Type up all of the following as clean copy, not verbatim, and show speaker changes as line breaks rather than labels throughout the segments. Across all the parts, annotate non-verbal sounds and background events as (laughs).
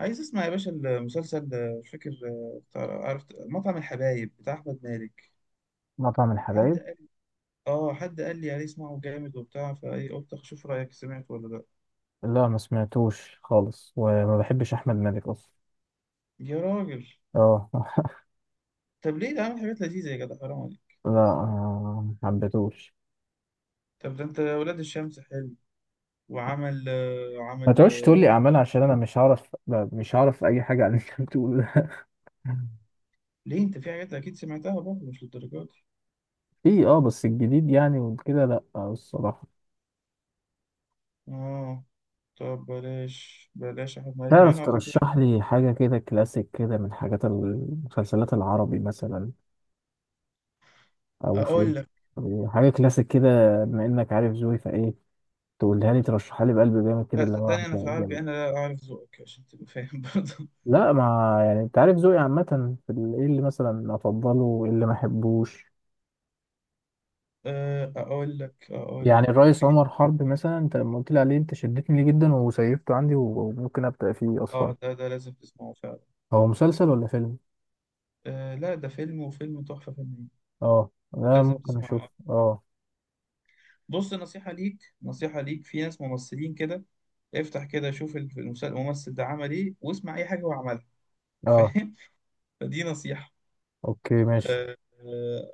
عايز اسمع يا باشا المسلسل ده، مش فاكر عرفت مطعم الحبايب بتاع احمد مالك؟
مطعم
حد
الحبايب.
قال؟ اه، حد قال لي عليه اسمعه جامد وبتاع فايه، قلت اشوف رايك، سمعت ولا لا؟
لا ما سمعتوش خالص وما بحبش احمد مالك اصلا.
يا راجل.
اه (laughs)
طب ليه؟ ده عامل حاجات لذيذه يا جدع، حرام عليك.
لا ما حبيتوش.
طب ده انت ولاد الشمس حلو. وعمل آه،
ما
عمل
تقعدش تقول
آه،
لي اعمال عشان انا مش هعرف، لا، مش هعرف اي حاجه عن اللي انت بتقوله ده (laughs)
ليه؟ انت في حاجات اكيد سمعتها برضه، مش للدرجه دي.
في اه، بس الجديد يعني وكده لا، الصراحه.
اه. طب بلاش بلاش احمد مالك، مع
تعرف
انه على فكره.
ترشح لي حاجه كده كلاسيك كده من حاجات المسلسلات العربي مثلا او فيلم؟
اقول لك،
حاجه كلاسيك كده، بما انك عارف ذوقي فايه، تقولها لي، ترشحها لي بقلب جامد كده
لا
اللي هو
صدقني، انا في العربي
جامد.
انا لا اعرف ذوقك عشان تبقى فاهم برضه.
لا، ما يعني انت عارف ذوقي عامة، في ايه اللي مثلا افضله وايه اللي ما احبوش.
(laughs) اقول لك اقول
يعني
لك
الرئيس
في.
عمر حرب مثلا، انت لما قلت لي عليه انت شدتني ليه جدا وسيفته عندي وممكن ابدأ فيه
اه،
اصلا.
ده لازم تسمعه فعلا.
هو مسلسل ولا فيلم؟
آه لا، ده فيلم، وفيلم تحفة فنية.
اه. لا
لازم
ممكن اشوف.
تسمعه.
اه.
بص، نصيحة ليك، نصيحة ليك، في ناس ممثلين كده، افتح كده شوف الممثل ده عمل ايه، واسمع اي حاجة هو عملها.
اه.
فاهم؟ (laughs) فدي نصيحة.
اوكي، ماشي.
آه آه،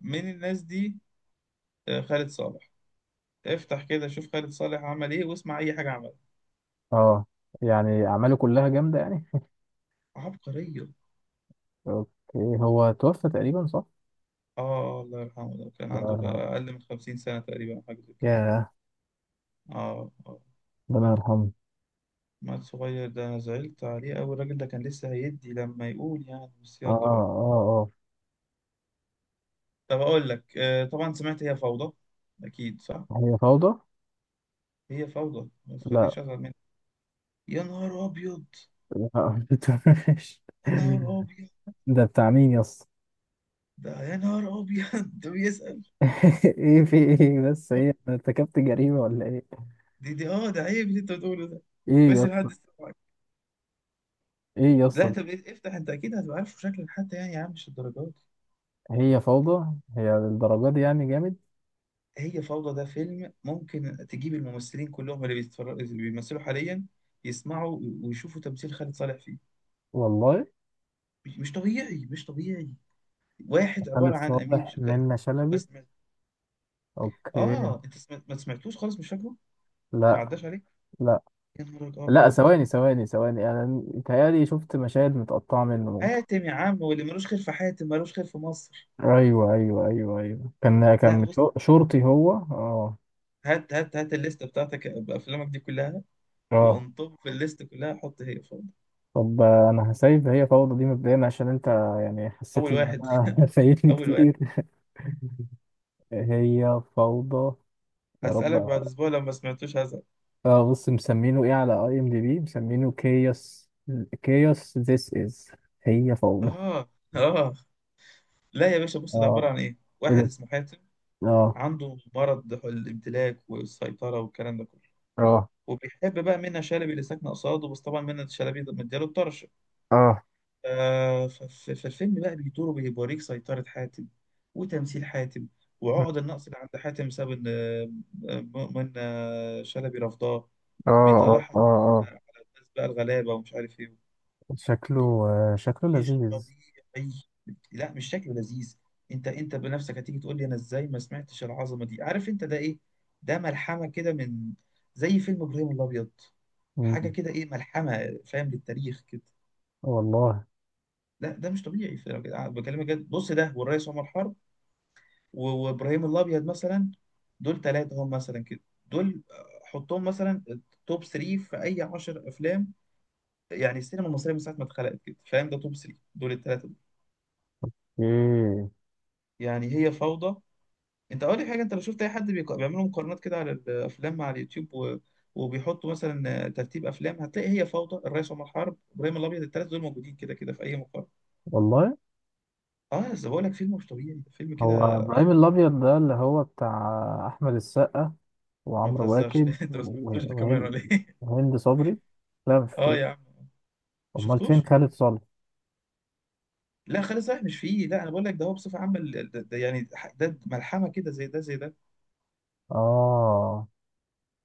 من الناس دي، خالد صالح. افتح كده شوف خالد صالح عمل ايه، واسمع اي حاجة عملها.
اه. يعني اعماله كلها جامدة يعني.
عبقرية.
اوكي. هو توفى تقريبا، صح؟
اه، الله يرحمه، ده كان عنده
آه.
اقل من 50 سنة تقريبا، حاجة زي كده.
ياه.
اه.
ربنا يرحمه.
مال صغير ده، انا زعلت عليه أوي، الراجل ده كان لسه هيدي لما يقول يعني، بس
اه
يلا بقى.
اه
طب اقول لك، طبعا سمعت هي فوضى. اكيد صح.
اه. هي فوضى.
هي فوضى، ما
لا.
تخليش ازعل منها. يا نهار ابيض.
لا. (laughs) مش-
يا نهار ابيض.
ده بتاع مين يس؟
ده يا نهار ابيض. (laughs) ده بيسأل.
(laughs) ايه في ايه بس، هي انا ارتكبت جريمة ولا ايه؟
دي، اه، ده عيب اللي انت بتقوله ده.
ايه يا
كويس ان
اسطى؟
حد سمعك.
ايه يا
لا
اسطى؟
طب، افتح. انت اكيد هتبقى عارفه شكلا حتى، يعني يا عم مش الدرجات دي.
هي فوضى هي للدرجة دي يعني جامد؟
هي فوضى ده فيلم، ممكن تجيب الممثلين كلهم اللي بيتفرجوا اللي بيمثلوا حاليا، يسمعوا ويشوفوا تمثيل خالد صالح فيه.
والله.
مش طبيعي، مش طبيعي. واحد
خالد
عبارة عن أمين
صالح، منة
ما
شلبي.
سمعت.
اوكي.
ما سمعتوش خالص، مش فاكره. ما
لا.
عداش عليك.
لا.
يا نهار
لا
أبيض.
ثواني ثواني ثواني، انا متهيألي شفت مشاهد متقطعة منه ممكن.
حاتم يا عم، واللي ملوش خير في حاتم ملوش خير في مصر.
ايوه ايوه ايوه ايوه، كان
لا
كان
بص،
شرطي هو، اه.
هات هات هات الليست بتاعتك بأفلامك دي كلها،
اه.
وانطب في الليست كلها، حط هي فوق.
طب انا هسيب هي فوضى دي مبدئيا عشان انت يعني حسيت
أول
ان
واحد.
انا (laughs) فايتني
أول واحد.
كتير. هي فوضى. يا رب.
هسألك بعد أسبوع لو ما سمعتوش هزعل.
اه بص، مسمينه ايه على اي ام دي بي؟ مسمينه كيوس. كيوس ذيس از هي فوضى.
آه آه لا يا باشا، بص ده عبارة
اه.
عن
ايه
واحد
ده؟
اسمه حاتم،
اه.
عنده مرض الامتلاك والسيطرة والكلام ده كله،
اه.
وبيحب بقى منة شلبي اللي ساكنه قصاده، بس طبعا منة شلبي مدياله الطرش.
اه.
في الفيلم بقى بيدور وبيوريك سيطره حاتم، وتمثيل حاتم،
مم.
وعقد النقص اللي عند حاتم بسبب ان منة شلبي رفضاه،
اه
بيطلعها على
اه اه.
الناس بقى الغلابه، ومش عارف ايه.
شكله. شكله
مش
لذيذ.
طبيعي. لا مش شكله لذيذ. انت بنفسك هتيجي تقول لي انا ازاي ما سمعتش العظمه دي. عارف انت ده ايه؟ ده ملحمه كده، من زي فيلم ابراهيم الابيض، حاجه
مم.
كده، ايه، ملحمه فاهم، للتاريخ كده.
والله.
لا ده مش طبيعي بكلمك جد، بص، ده والريس عمر حرب و- وابراهيم الابيض مثلا، دول ثلاثه هم مثلا كده. دول حطهم مثلا توب 3 في اي 10 افلام، يعني السينما المصريه من ساعه ما اتخلقت كده فاهم، ده توب 3 دول الثلاثه دول.
ايه؟
يعني هي فوضى. انت اقول لك حاجه، انت لو شفت اي حد بيعملوا مقارنات كده على الافلام على اليوتيوب و... وبيحطوا مثلا ترتيب افلام، هتلاقي هي فوضى، الريس عمر حرب، ابراهيم الابيض، الثلاث دول موجودين كده كده في اي مقارنه.
والله.
اه بس بقول لك، فيلم مش طبيعي، ده فيلم
هو
كده
ابراهيم
خطير.
الابيض ده اللي هو بتاع احمد السقا
ما
وعمرو
تهزرش.
واكد
(laughs) انت ما سمعتوش ده كمان
وهند،
ولا ايه؟
وهند صبري. لا مش
(laughs) اه يا
شفتوش.
عم، ما
امال فين
شفتوش.
خالد صالح؟
لا خالد صالح مش فيه، لا انا بقول لك ده هو بصفه عامه، ده يعني، ده ملحمه كده، زي ده زي ده.
اه.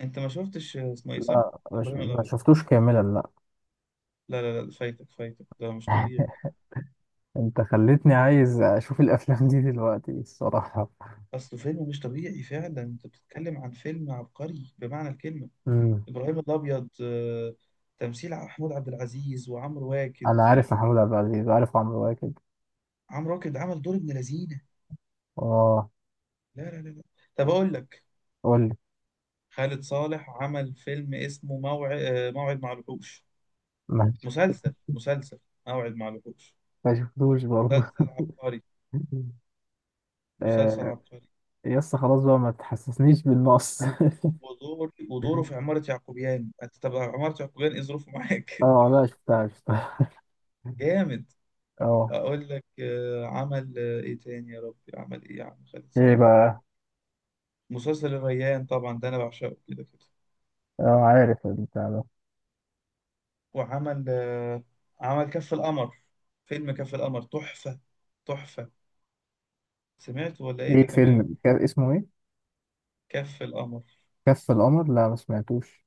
انت ما شفتش اسمه ايه صح؟
لا
ابراهيم
ما
الابيض.
شفتوش كاملا، لا.
لا لا لا، فايتك فايتك، ده مش طبيعي.
انت خليتني عايز اشوف الافلام دي دلوقتي الصراحه.
اصله فيلم مش طبيعي فعلا، انت بتتكلم عن فيلم عبقري بمعنى الكلمه.
امم.
ابراهيم الابيض. تمثيل محمود عبد العزيز وعمرو واكد.
انا عارف محمود عبد العزيز وعارف عمرو واكد.
عمرو واكد عمل دور ابن لذينه.
اه.
لا لا لا لا. طب اقول لك،
قول لي.
خالد صالح عمل فيلم اسمه موعد مع الوحوش.
ما
مسلسل. موعد مع الوحوش.
ما شفتوش برضه
مسلسل عبقري.
(laughs)
مسلسل
آه،
عبقري.
يس، خلاص بقى ما تحسسنيش بالنقص (laughs)
ودوره في عمارة يعقوبيان، انت طب عمارة يعقوبيان ايه ظروفه معاك؟
اه لا، شفتها.
(laughs) جامد.
اه.
اقول لك، عمل، ايه تاني يا ربي؟ عمل ايه يا عم خالد
ايه
صالح؟
بقى.
مسلسل الريان طبعا، ده انا بعشقه كده كده.
اه عارف البتاع ده.
وعمل آه، عمل كف القمر. فيلم كف القمر تحفة. تحفة. سمعت ولا ايه
ايه
ده كمان؟
فيلم كان اسمه ايه؟
كف القمر.
كف القمر، لا ما سمعتوش.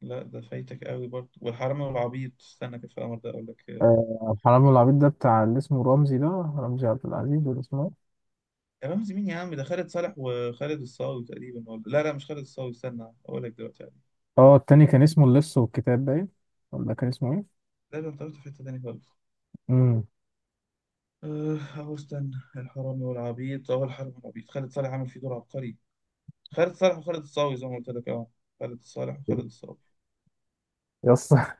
لا ده فايتك قوي برضه، والحرامي والعبيط، استنى، كف القمر ده اقول لك.
حرام العبيط ده بتاع اللي اسمه رمزي ده، رمزي عبد العزيز ولا اسمه؟
يا رمزي مين يا عم؟ ده خالد صالح وخالد الصاوي تقريبا، ولا لا لا مش خالد الصاوي، استنى اقول لك دلوقتي عليه.
اه التاني كان اسمه اللص والكتاب، باين، ولا كان اسمه ايه؟
لا ده انت رحت في حتة تانية خالص.
امم.
أهو استنى. الحرامي والعبيط، أهو الحرامي والعبيط، خالد صالح عامل فيه دور عبقري، خالد صالح وخالد الصاوي زي ما قلت لك. أه. خالد صالح وخالد الصاوي.
يس (laughs)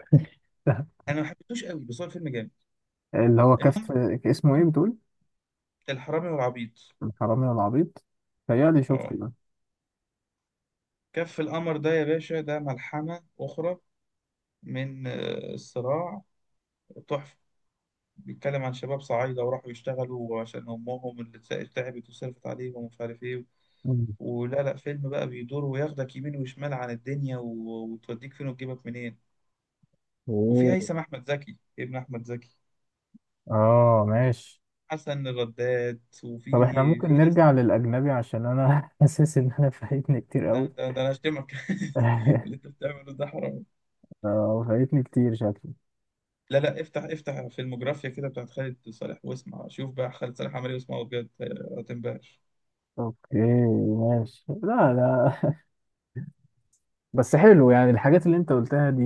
أنا ما حبيتوش قوي، بس هو الفيلم جامد.
اللي هو
المهم،
كف. اسمه ايه بتقول؟
الحرامي والعبيط.
الحرامي والعبيط. تهيألي شفته
أه.
ده.
كف القمر ده يا باشا، ده ملحمة أخرى من الصراع. تحفة. بيتكلم عن شباب صعايدة، وراحوا يشتغلوا عشان أمهم اللي تعبت تعبت وصرفت عليهم، ومش عارف إيه،
مم.
ولا لا فيلم بقى بيدور وياخدك يمين وشمال عن الدنيا و... وتوديك فين وتجيبك منين. وفي
مم.
هيثم احمد زكي ابن احمد زكي،
اه، ماشي.
حسن الرداد، وفي
طب احنا ممكن
في ناس.
نرجع للأجنبي عشان أنا (laughs) حاسس إن أنا فايتني كتير
ده,
أوي.
ده, ده انا اشتمك. (laughs)
(laughs)
اللي انت بتعمله ده حرام.
اه فايتني كتير شكلي.
لا لا، افتح افتح فيلموجرافيا كده بتاعت خالد صالح، واسمع، شوف بقى خالد صالح عمل ايه، واسمعه بجد، هتنبهر.
اوكي، ماشي. لا لا، بس حلو يعني الحاجات اللي انت قلتها دي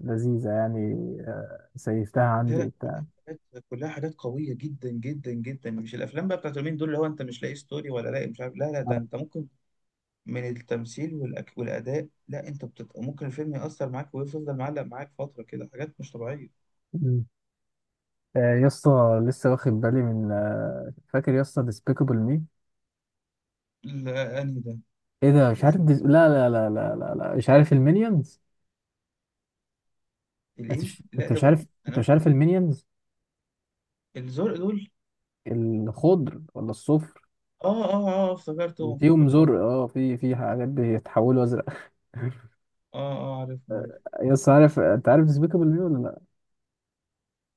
لذيذة يعني. سيفتها
لا
عندي
لا، كلها حاجات، كلها حاجات قوية جدا جدا جدا، مش الافلام بقى بتاعت اليومين دول، اللي هو انت مش لاقي ستوري ولا لاقي مش عارف، لا لا، ده
وبتاع.
انت ممكن من التمثيل والاداء، لا انت بتبقى ممكن الفيلم يأثر معاك ويفضل معلق معاك فترة كده، حاجات مش طبيعية.
يا اسطى لسه واخد بالي من، فاكر يا اسطى ديسبيكابل مي؟
لا انهي ده؟
ايه ده؟ مش عارف
الاسم،
ديس... لا لا لا لا لا لا، مش عارف المينيونز. انت
الايه،
مش
لا
انت مش
طب،
عارف؟
انا
انت
ممكن-
مش عارف المينيونز؟
الزرق دول.
الخضر ولا الصفر؟
اه اه اه،
اللي
افتكرتهم
فيهم
افتكرتهم.
زرق، اه في في حاجات بيتحولوا ازرق (laughs)
اه اه، عارفهم عارفهم.
يا اسطى، عارف، انت عارف ديسبيكابل مي ولا لا؟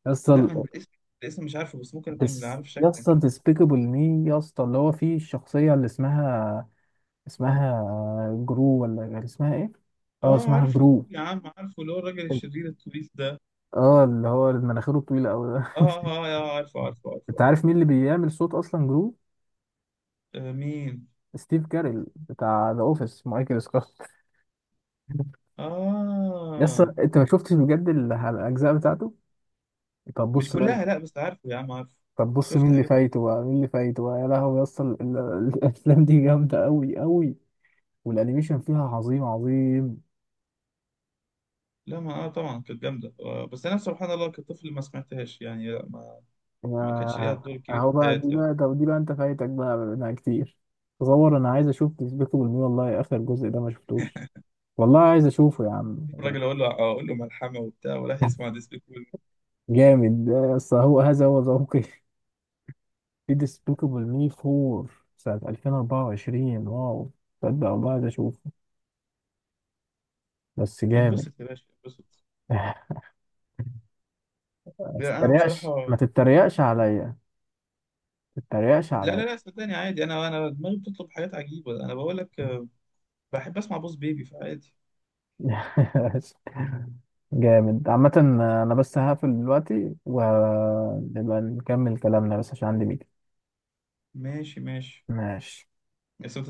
يا اسطى
لا انا الاسم، الاسم مش عارفه، بس ممكن اكون
ديس،
عارف
يا
شكلا
اسطى
كده.
ديسبيكابل مي، يا اسطى اللي هو فيه الشخصيه اللي اسمها، اسمها جرو ولا اسمها ايه؟ اه
اه،
اسمها
عارفه
جرو.
يا عم، عارفه، اللي هو الراجل الشرير الطويل ده.
اه اللي هو مناخيره طويلة أوي ده
اه اه
(laughs)
اه، عارفه عارفه عارفه.
أنت عارف مين اللي بيعمل صوت أصلا جرو؟
مين؟
ستيف كاريل بتاع ذا أوفيس، مايكل سكوت (laughs) يس،
اه،
أنت ما شفتش بجد الأجزاء بتاعته؟ طب
مش
بص بقى.
كلها، لا بس عارفه يا عم، عارفه.
طب بص مين
شفت
اللي
حاجات.
فايته بقى، مين اللي فايته بقى يا لهوي. يس (laughs) الأفلام دي جامدة أوي أوي، والأنيميشن فيها عظيم عظيم.
لا ما اه طبعا كانت جامده، بس انا سبحان الله كطفل ما سمعتهاش، يعني لا ما ما كانش ليها
يا-.
دور كبير
أهو
في
بقى، دي
حياتي.
بقى، طب دي بقى أنت فايتك بقى منها كتير. تصور أنا عايز أشوف بيسبيكول مي، والله آخر جزء ده ما شفتوش، والله عايز أشوفه يا عم.
الراجل اقول له، اقول له ملحمه وبتاع، وراح يسمع ديسبيكول.
جامد، اصل هو هذا هو ذوقي. في ديسبيكابل مي 4 سنة 2024، واو، تصدق والله عايز اشوفه، بس جامد
انبسط يا باشا، انبسط.
(laughs) ما
لا انا
تتريقش،
بصراحه.
ما تتريقش عليا، ما تتريقش
لا
عليا
لا لا صدقني عادي، انا دماغي بتطلب حاجات عجيبه، انا بقول لك، بحب اسمع بوس بيبي فعادي.
(laughs) جامد عامة. انا بس هقفل دلوقتي ونبقى نكمل كلامنا بس عشان عندي ميتنج.
ماشي ماشي.
ماشي.
بس ما